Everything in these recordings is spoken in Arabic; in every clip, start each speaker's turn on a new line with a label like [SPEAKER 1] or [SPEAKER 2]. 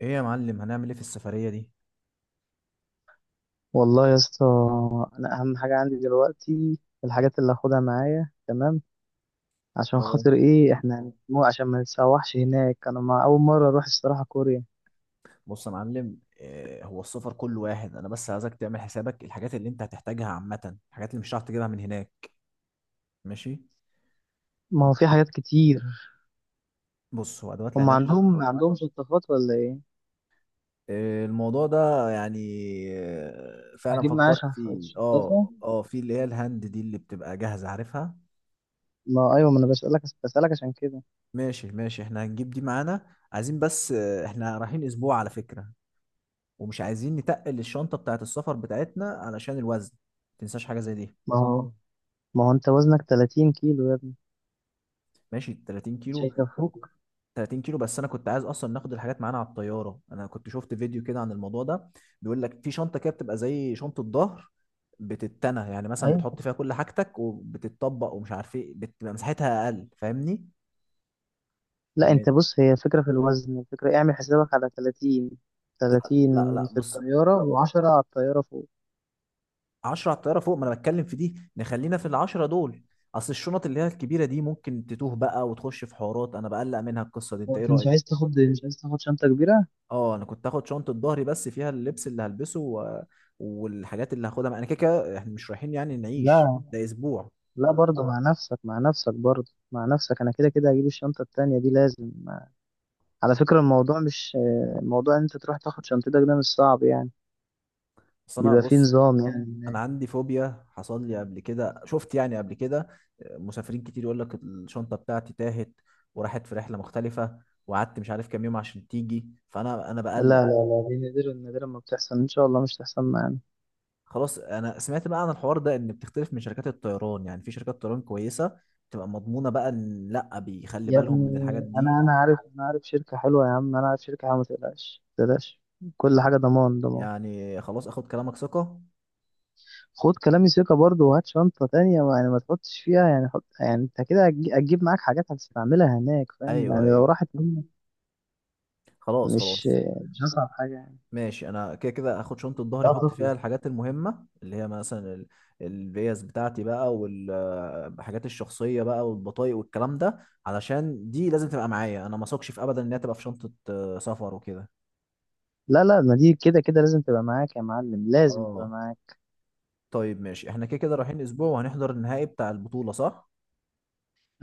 [SPEAKER 1] ايه يا معلم؟ هنعمل ايه في السفرية دي؟
[SPEAKER 2] والله يا اسطى. اهم حاجه عندي دلوقتي الحاجات اللي هاخدها معايا، تمام؟ عشان
[SPEAKER 1] اه
[SPEAKER 2] خاطر ايه؟ احنا مو عشان ما نتسوحش هناك، انا ما اول مره اروح الصراحه كوريا.
[SPEAKER 1] بص يا معلم، إيه هو؟ السفر كله واحد، انا بس عايزك تعمل حسابك الحاجات اللي انت هتحتاجها، عامة الحاجات اللي مش هتعرف تجيبها من هناك. ماشي.
[SPEAKER 2] ما هو في حاجات كتير.
[SPEAKER 1] بص، هو ادوات
[SPEAKER 2] هم
[SPEAKER 1] العناش،
[SPEAKER 2] عندهم ما عندهم شطافات ولا ايه؟
[SPEAKER 1] إيه الموضوع ده؟ يعني إيه؟ فعلا
[SPEAKER 2] هجيب معايا
[SPEAKER 1] فكرت فيه،
[SPEAKER 2] شطافه.
[SPEAKER 1] في اللي هي الهاند دي اللي بتبقى جاهزة، عارفها.
[SPEAKER 2] ما هو ايوه، ما انا بسالك عشان كده.
[SPEAKER 1] ماشي، احنا هنجيب دي معانا، عايزين بس احنا رايحين اسبوع على فكرة، ومش عايزين نتقل الشنطة بتاعت السفر بتاعتنا علشان الوزن. متنساش حاجة زي دي.
[SPEAKER 2] ما هو ما هو انت وزنك 30 كيلو يا ابني،
[SPEAKER 1] ماشي، 30
[SPEAKER 2] مش
[SPEAKER 1] كيلو.
[SPEAKER 2] هيكفوك.
[SPEAKER 1] 30 كيلو بس؟ انا كنت عايز اصلا ناخد الحاجات معانا على الطياره، انا كنت شفت فيديو كده عن الموضوع ده، بيقول لك في شنطه كده بتبقى زي شنطه ظهر، بتتنى يعني، مثلا
[SPEAKER 2] ايوه،
[SPEAKER 1] بتحط فيها كل حاجتك وبتتطبق ومش عارف ايه، بتبقى مساحتها اقل، فاهمني؟
[SPEAKER 2] لا
[SPEAKER 1] م-
[SPEAKER 2] انت بص، هي فكره في الوزن، الفكره اعمل حسابك على 30. 30
[SPEAKER 1] لا،
[SPEAKER 2] في
[SPEAKER 1] بص،
[SPEAKER 2] الطياره، و10 على الطياره فوق.
[SPEAKER 1] 10 على الطياره فوق، ما انا بتكلم في دي، نخلينا في العشرة دول. اصل الشنط اللي هي الكبيره دي ممكن تتوه بقى وتخش في حوارات، انا بقلق منها القصه دي، انت
[SPEAKER 2] هو
[SPEAKER 1] ايه
[SPEAKER 2] انت مش
[SPEAKER 1] رايك؟
[SPEAKER 2] عايز تاخد، مش عايز تاخد شنطة كبيرة؟
[SPEAKER 1] اه، انا كنت هاخد شنطه ظهري بس فيها اللبس اللي هلبسه والحاجات اللي هاخدها معايا. انا كده كده احنا مش رايحين يعني نعيش،
[SPEAKER 2] لا
[SPEAKER 1] ده اسبوع
[SPEAKER 2] لا، برضه مع نفسك، مع نفسك، برضه مع نفسك، انا كده كده هجيب الشنطة التانية دي لازم. على فكرة الموضوع مش الموضوع ان انت تروح تاخد شنطتك، ده مش صعب يعني،
[SPEAKER 1] بس. انا
[SPEAKER 2] بيبقى فيه
[SPEAKER 1] بص،
[SPEAKER 2] نظام يعني
[SPEAKER 1] انا
[SPEAKER 2] هناك.
[SPEAKER 1] عندي فوبيا، حصل لي قبل كده، شفت يعني قبل كده مسافرين كتير يقول لك الشنطه بتاعتي تاهت وراحت في رحله مختلفه، وقعدت مش عارف كام يوم عشان تيجي، فانا
[SPEAKER 2] لا
[SPEAKER 1] بقلق.
[SPEAKER 2] لا لا، دي نادرا نادرا ما بتحصل، ان شاء الله مش تحصل معانا.
[SPEAKER 1] خلاص، انا سمعت بقى عن الحوار ده، ان بتختلف من شركات الطيران، يعني في شركات طيران كويسه بتبقى مضمونه بقى، ان لا بيخلي
[SPEAKER 2] يا
[SPEAKER 1] بالهم
[SPEAKER 2] ابني،
[SPEAKER 1] من الحاجات دي.
[SPEAKER 2] انا عارف، عارف شركة حلوة، يا عم انا عارف شركة حلوة، ما تقلقش ما تقلقش، كل حاجة ضمان ضمان.
[SPEAKER 1] يعني خلاص، اخد كلامك ثقة.
[SPEAKER 2] خد كلامي ثقة برضه، وهات شنطة تانية، ما يعني ما تحطش فيها، يعني حط، يعني انت كده هتجيب معاك حاجات هتستعملها هناك، فاهم؟
[SPEAKER 1] ايوه
[SPEAKER 2] يعني لو
[SPEAKER 1] ايوه
[SPEAKER 2] راحت منك،
[SPEAKER 1] خلاص
[SPEAKER 2] مش
[SPEAKER 1] خلاص
[SPEAKER 2] مش هصعب حاجة يعني.
[SPEAKER 1] ماشي، انا كده كده اخد شنطه ظهري،
[SPEAKER 2] لا
[SPEAKER 1] احط فيها
[SPEAKER 2] تطلع.
[SPEAKER 1] الحاجات المهمه اللي هي مثلا الفيز بتاعتي بقى، والحاجات الشخصيه بقى، والبطايق والكلام ده، علشان دي لازم تبقى معايا، انا ما اثقش في ابدا ان هي تبقى في شنطه سفر وكده.
[SPEAKER 2] لا لا، ما دي كده كده لازم تبقى معاك يا معلم، لازم تبقى
[SPEAKER 1] اه،
[SPEAKER 2] معاك.
[SPEAKER 1] طيب ماشي، احنا كده كده رايحين اسبوع وهنحضر النهائي بتاع البطوله، صح؟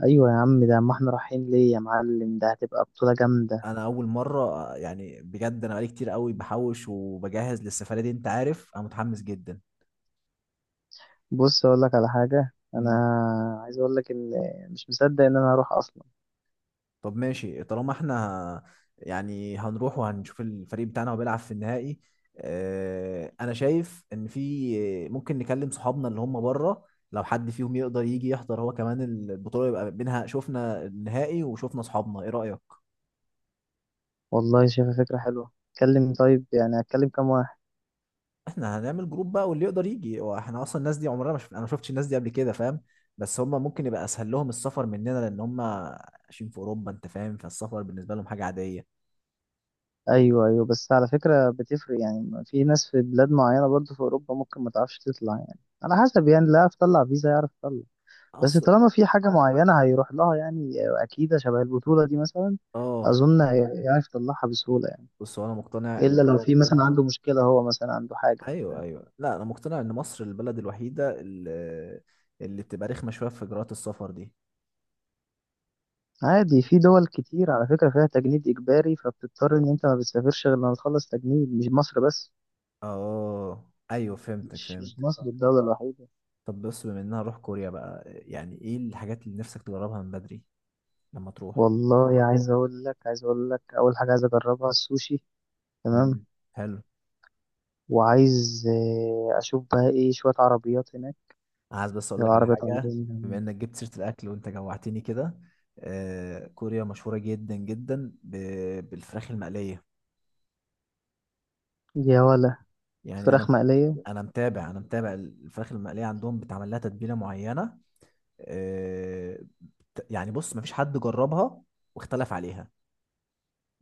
[SPEAKER 2] ايوه يا عم، ده ما احنا رايحين ليه يا معلم؟ ده هتبقى بطولة جامدة.
[SPEAKER 1] انا اول مره، يعني بجد انا بقالي كتير قوي بحوش وبجهز للسفريه دي، انت عارف انا متحمس جدا.
[SPEAKER 2] بص اقول لك على حاجة، عايز اقول لك ان مش مصدق ان انا هروح اصلا.
[SPEAKER 1] طب ماشي، طالما احنا يعني هنروح وهنشوف الفريق بتاعنا وبيلعب في النهائي. اه، انا شايف ان في ممكن نكلم صحابنا اللي هم بره، لو حد فيهم يقدر يجي يحضر هو كمان البطولة، يبقى بينها شفنا النهائي وشفنا صحابنا، ايه رأيك؟
[SPEAKER 2] والله شايفها فكرة حلوة، اتكلم، طيب يعني اتكلم كام واحد.
[SPEAKER 1] احنا هنعمل جروب بقى، واللي يقدر يجي، واحنا اصلا الناس دي عمرنا ما انا ما شفتش الناس دي قبل كده، فاهم؟ بس هم ممكن يبقى اسهل لهم السفر مننا، لان هم عايشين في اوروبا، انت فاهم؟ فالسفر بالنسبة لهم حاجة عادية
[SPEAKER 2] ايوه ايوه، بس على فكره بتفرق، يعني في ناس في بلاد معينه برضو في اوروبا ممكن ما تعرفش تطلع، يعني على حسب، يعني اللي عارف يطلع فيزا يعرف يطلع. بس
[SPEAKER 1] اصلا.
[SPEAKER 2] طالما في حاجه معينه هيروح لها يعني، اكيد شبه البطوله دي مثلا
[SPEAKER 1] اه
[SPEAKER 2] اظن هيعرف يطلعها بسهوله يعني،
[SPEAKER 1] بص هو انا مقتنع
[SPEAKER 2] الا
[SPEAKER 1] ان
[SPEAKER 2] لو في مثلا عنده مشكله، هو مثلا عنده حاجه.
[SPEAKER 1] ايوه، لا، انا مقتنع ان مصر البلد الوحيده اللي، اللي بتبقى رخمه شويه في اجراءات السفر دي.
[SPEAKER 2] عادي، في دول كتير على فكره فيها تجنيد اجباري، فبتضطر ان انت ما بتسافرش غير لما تخلص تجنيد، مش مصر بس،
[SPEAKER 1] اه ايوه، فهمتك
[SPEAKER 2] مش
[SPEAKER 1] فهمت
[SPEAKER 2] مصر الدوله الوحيده.
[SPEAKER 1] طب بص، بما اننا هروح كوريا بقى، يعني ايه الحاجات اللي نفسك تجربها من بدري لما تروح؟
[SPEAKER 2] والله عايز اقول لك اول حاجه عايز اجربها السوشي، تمام؟
[SPEAKER 1] امم، حلو.
[SPEAKER 2] وعايز اشوف بقى ايه شويه عربيات هناك،
[SPEAKER 1] عايز بس اقول لك على
[SPEAKER 2] العربيات
[SPEAKER 1] حاجه، بما
[SPEAKER 2] عندهم.
[SPEAKER 1] انك جبت سيره الاكل وانت جوعتني كده، كوريا مشهوره جدا جدا بالفراخ المقليه،
[SPEAKER 2] يا ولا،
[SPEAKER 1] يعني
[SPEAKER 2] فراخ
[SPEAKER 1] انا،
[SPEAKER 2] مقليه.
[SPEAKER 1] انا متابع الفراخ المقليه عندهم، بتعمل لها تتبيله معينه، آه، يعني بص مفيش حد جربها واختلف عليها،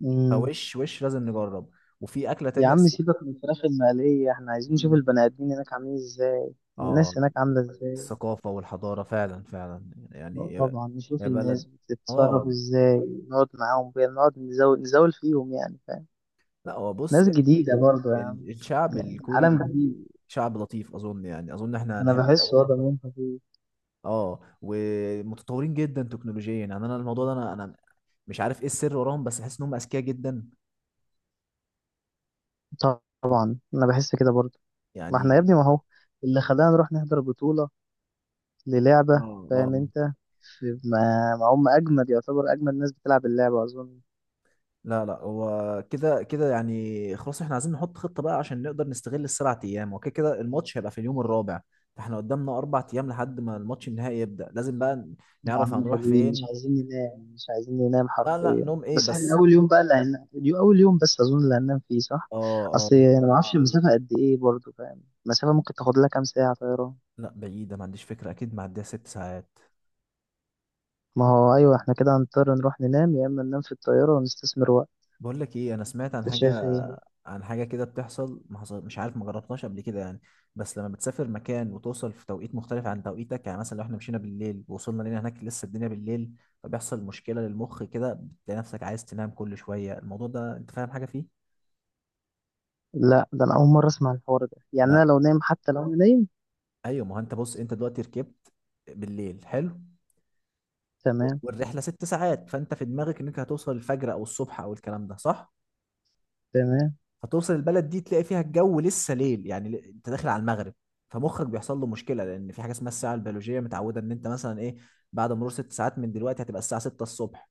[SPEAKER 2] مم.
[SPEAKER 1] وش لازم نجرب، وفي أكلة
[SPEAKER 2] يا
[SPEAKER 1] تانية
[SPEAKER 2] عم سيبك من الفراخ المقليه، احنا عايزين نشوف
[SPEAKER 1] مم.
[SPEAKER 2] البني ادمين هناك عاملين ازاي،
[SPEAKER 1] اه،
[SPEAKER 2] الناس هناك عامله ازاي.
[SPEAKER 1] الثقافة والحضارة فعلا، فعلا يعني، يا
[SPEAKER 2] طبعا نشوف
[SPEAKER 1] يا
[SPEAKER 2] الناس
[SPEAKER 1] بلد.
[SPEAKER 2] بتتصرف
[SPEAKER 1] اه،
[SPEAKER 2] ازاي، نقعد معاهم بقى، نقعد نزول نزول فيهم يعني فاهم.
[SPEAKER 1] لا، هو بص،
[SPEAKER 2] ناس جديده برضه يا عم،
[SPEAKER 1] الشعب
[SPEAKER 2] يعني
[SPEAKER 1] الكوري
[SPEAKER 2] عالم جديد.
[SPEAKER 1] شعب لطيف أظن، يعني أظن احنا
[SPEAKER 2] انا بحس وضع منطقي.
[SPEAKER 1] اه، ومتطورين جدا تكنولوجيا، يعني انا الموضوع ده، انا مش عارف ايه السر وراهم، بس بحس انهم اذكياء جدا
[SPEAKER 2] طب انا بحس كده برضه. ما احنا يا
[SPEAKER 1] يعني.
[SPEAKER 2] ابني، ما هو اللي خلانا نروح نحضر بطوله للعبة،
[SPEAKER 1] اه،
[SPEAKER 2] فاهم انت؟ في- ما ما هم اجمد، يعتبر اجمد ناس بتلعب اللعبة اظن.
[SPEAKER 1] لا، هو كده كده يعني، خلاص احنا عايزين نحط خطة بقى عشان نقدر نستغل السبع ايام، وكده كده الماتش هيبقى في اليوم الرابع، فاحنا قدامنا اربع ايام لحد ما الماتش النهائي يبدأ، لازم بقى
[SPEAKER 2] يا
[SPEAKER 1] نعرف
[SPEAKER 2] عم
[SPEAKER 1] هنروح
[SPEAKER 2] حلوين، مش
[SPEAKER 1] فين.
[SPEAKER 2] عايزين ننام، مش عايزين ننام
[SPEAKER 1] لا لا،
[SPEAKER 2] حرفيا.
[SPEAKER 1] نوم ايه
[SPEAKER 2] بس احنا
[SPEAKER 1] بس.
[SPEAKER 2] اول يوم بقى اللي هننام، اول يوم بس اظن اللي هننام فيه صح.
[SPEAKER 1] اه،
[SPEAKER 2] اصل انا ما اعرفش المسافة قد ايه برضو، فاهم؟ المسافة ممكن تاخد لها كام ساعة طيران.
[SPEAKER 1] لا بعيدة، ما عنديش فكرة، اكيد معديها ست ساعات.
[SPEAKER 2] ما هو ايوه، احنا كده هنضطر نروح ننام، يا اما ننام في الطيارة ونستثمر وقت.
[SPEAKER 1] بقول لك ايه، انا سمعت عن
[SPEAKER 2] ده شايف
[SPEAKER 1] حاجه،
[SPEAKER 2] ايه؟
[SPEAKER 1] عن حاجه كده بتحصل، ما حصل مش عارف، ما جربتهاش قبل كده يعني، بس لما بتسافر مكان وتوصل في توقيت مختلف عن توقيتك، يعني مثلا لو احنا مشينا بالليل ووصلنا لنا هناك لسه الدنيا بالليل، فبيحصل مشكله للمخ كده، بتلاقي نفسك عايز تنام كل شويه، الموضوع ده انت فاهم حاجه فيه؟
[SPEAKER 2] لا ده انا اول مرة اسمع الحوار ده، يعني انا
[SPEAKER 1] لا،
[SPEAKER 2] لو نايم حتى لو انا نايم.
[SPEAKER 1] ايوه، ما هو انت بص، انت دلوقتي ركبت بالليل، حلو،
[SPEAKER 2] تمام.
[SPEAKER 1] والرحله ست ساعات، فانت في دماغك انك هتوصل الفجر او الصبح او الكلام ده، صح؟
[SPEAKER 2] تمام.
[SPEAKER 1] هتوصل البلد دي تلاقي فيها الجو لسه ليل، يعني انت داخل على المغرب، فمخك بيحصل له مشكله، لان في حاجه اسمها الساعه البيولوجيه، متعوده ان انت مثلا ايه، بعد مرور ست ساعات من دلوقتي هتبقى الساعه 6 الصبح،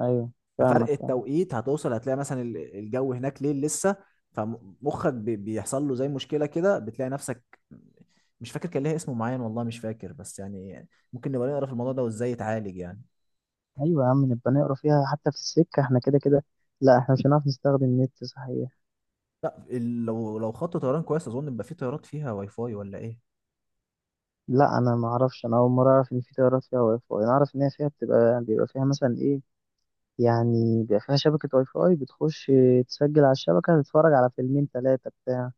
[SPEAKER 2] ايوه
[SPEAKER 1] ففرق
[SPEAKER 2] فاهمك فاهمك.
[SPEAKER 1] التوقيت هتوصل هتلاقي مثلا الجو هناك ليل لسه، فمخك بيحصل له زي مشكله كده، بتلاقي نفسك، مش فاكر كان ليها اسم معين، والله مش فاكر، بس يعني ممكن نبقى نقرا في الموضوع ده وازاي يتعالج يعني.
[SPEAKER 2] ايوه يا عم، نبقى نقرا فيها حتى في السكه، احنا كده كده. لا احنا مش هنعرف نستخدم النت صحيح؟
[SPEAKER 1] لا، لو خط طيران كويس، اظن يبقى في طيارات فيها واي فاي ولا ايه؟
[SPEAKER 2] لا انا ما اعرفش، انا اول مره اعرف ان في تيارات فيها واي فاي، انا اعرف ان هي فيها بتبقى بيبقى فيها مثلا ايه، يعني بيبقى فيها شبكه واي فاي، بتخش تسجل على الشبكه، تتفرج على فيلمين ثلاثه بتاع،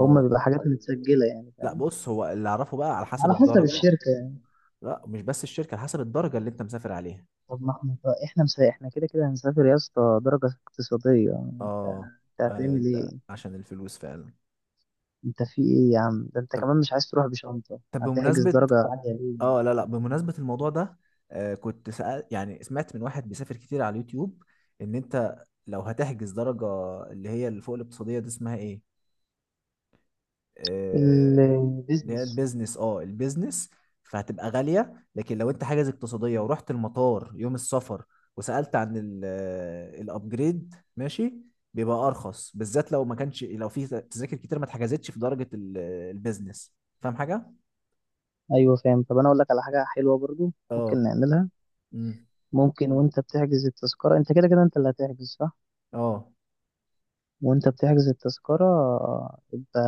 [SPEAKER 2] هما بيبقى حاجات متسجله يعني
[SPEAKER 1] لا
[SPEAKER 2] فاهم.
[SPEAKER 1] بص، هو اللي اعرفه بقى على حسب
[SPEAKER 2] على حسب
[SPEAKER 1] الدرجه،
[SPEAKER 2] الشركه يعني.
[SPEAKER 1] لا مش بس الشركه، على حسب الدرجه اللي انت مسافر عليها.
[SPEAKER 2] طب ما احنا، طب احنا احنا كده كده هنسافر يا اسطى درجه اقتصاديه، انت
[SPEAKER 1] اه،
[SPEAKER 2] انت هتعمل
[SPEAKER 1] انت
[SPEAKER 2] ايه؟
[SPEAKER 1] عشان الفلوس فعلا.
[SPEAKER 2] انت في ايه يا عم؟ ده انت كمان مش عايز تروح بشنطه،
[SPEAKER 1] طب
[SPEAKER 2] هتحجز
[SPEAKER 1] بمناسبه،
[SPEAKER 2] درجه عاليه ليه؟
[SPEAKER 1] اه لا لا، بمناسبه الموضوع ده، كنت سأل، يعني سمعت من واحد بيسافر كتير على اليوتيوب، ان انت لو هتحجز درجه اللي هي اللي فوق الاقتصاديه دي، اسمها ايه؟ آه، اللي هي
[SPEAKER 2] البيزنس.
[SPEAKER 1] البيزنس، اه البيزنس، فهتبقى غالية، لكن لو انت حاجز اقتصادية ورحت المطار يوم السفر، وسألت عن الابجريد، ماشي، بيبقى ارخص، بالذات لو ما كانش، لو في تذاكر كتير ما اتحجزتش في درجة البيزنس، فاهم حاجة؟
[SPEAKER 2] ايوه فاهم، طب انا اقول لك على حاجه حلوه برضو
[SPEAKER 1] اه،
[SPEAKER 2] ممكن نعملها.
[SPEAKER 1] امم،
[SPEAKER 2] ممكن وانت بتحجز التذكره، انت كده كده انت اللي هتحجز صح؟
[SPEAKER 1] اه
[SPEAKER 2] وانت بتحجز التذكره، يبقى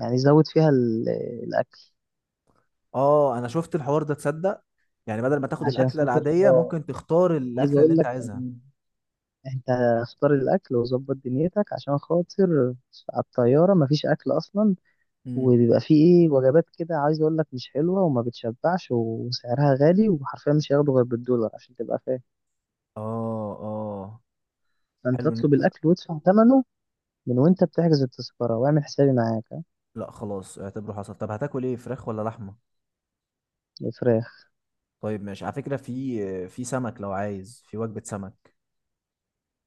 [SPEAKER 2] يعني زود فيها الاكل
[SPEAKER 1] اه انا شفت الحوار ده، تصدق؟ يعني بدل ما تاخد
[SPEAKER 2] عشان
[SPEAKER 1] الاكلة
[SPEAKER 2] خاطر
[SPEAKER 1] العادية، ممكن تختار
[SPEAKER 2] عايز
[SPEAKER 1] الاكلة اللي
[SPEAKER 2] اقول
[SPEAKER 1] انت
[SPEAKER 2] لك
[SPEAKER 1] عايزها.
[SPEAKER 2] إن انت اختار الاكل وظبط دنيتك، عشان خاطر على الطياره مفيش اكل اصلا،
[SPEAKER 1] امم،
[SPEAKER 2] وبيبقى فيه ايه، وجبات كده عايز اقول لك مش حلوه وما بتشبعش وسعرها غالي، وحرفيا مش هياخدوا غير بالدولار عشان تبقى فاهم.
[SPEAKER 1] اه،
[SPEAKER 2] فأنت
[SPEAKER 1] حلو ان
[SPEAKER 2] اطلب
[SPEAKER 1] انت،
[SPEAKER 2] الأكل وادفع ثمنه، من وأنت بتحجز التذكرة، واعمل حسابي معاك، ها؟
[SPEAKER 1] لا خلاص اعتبره حصل. طب هتاكل ايه، فراخ ولا لحمه؟
[SPEAKER 2] الفراخ
[SPEAKER 1] طيب ماشي، على فكره في في سمك، لو عايز في وجبه سمك.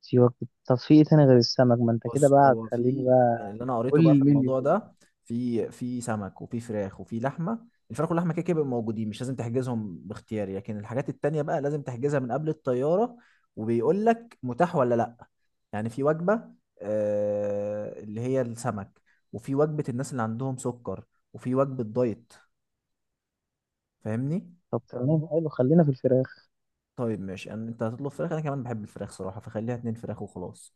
[SPEAKER 2] في وجبة. طب في إيه تاني غير السمك؟ ما أنت كده
[SPEAKER 1] بص،
[SPEAKER 2] بقى
[SPEAKER 1] هو
[SPEAKER 2] هتخليني
[SPEAKER 1] في
[SPEAKER 2] بقى
[SPEAKER 1] يعني اللي انا قريته
[SPEAKER 2] قول لي
[SPEAKER 1] بقى في
[SPEAKER 2] المنيو
[SPEAKER 1] الموضوع
[SPEAKER 2] كله.
[SPEAKER 1] ده، في في سمك وفي فراخ وفي لحمه، الفراخ واللحمه كده كده بيبقوا موجودين، مش لازم تحجزهم باختياري، لكن الحاجات التانيه بقى لازم تحجزها من قبل الطياره، وبيقول لك متاح ولا لا، يعني في وجبه اللي هي السمك، وفي وجبه الناس اللي عندهم سكر، وفي وجبه دايت، فاهمني؟
[SPEAKER 2] طب تمام حلو، خلينا في الفراخ.
[SPEAKER 1] طيب ماشي، يعني انت هتطلب فراخ، انا كمان بحب الفراخ صراحه، فخليها اتنين فراخ وخلاص.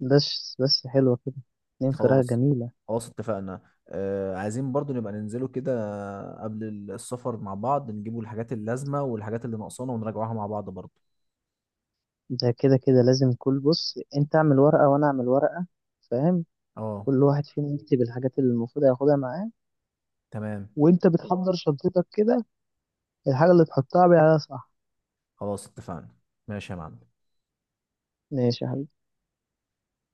[SPEAKER 2] بس بس حلوة كده، اتنين فراخ
[SPEAKER 1] خلاص
[SPEAKER 2] جميلة.
[SPEAKER 1] خلاص اتفقنا. عايزين برضو نبقى ننزلوا كده قبل السفر مع بعض، نجيبوا الحاجات اللازمه والحاجات اللي ناقصانا، ونراجعوها مع بعض برضو.
[SPEAKER 2] ده كده كده لازم، كل بص انت اعمل ورقة وانا اعمل ورقة، فاهم؟
[SPEAKER 1] اه،
[SPEAKER 2] كل واحد فينا يكتب الحاجات اللي المفروض هياخدها معاه،
[SPEAKER 1] تمام.
[SPEAKER 2] وانت بتحضر شنطتك كده الحاجة اللي تحطها عليها صح.
[SPEAKER 1] خلاص اتفقنا، ماشي يا معلم.
[SPEAKER 2] ماشي يا حبيبي.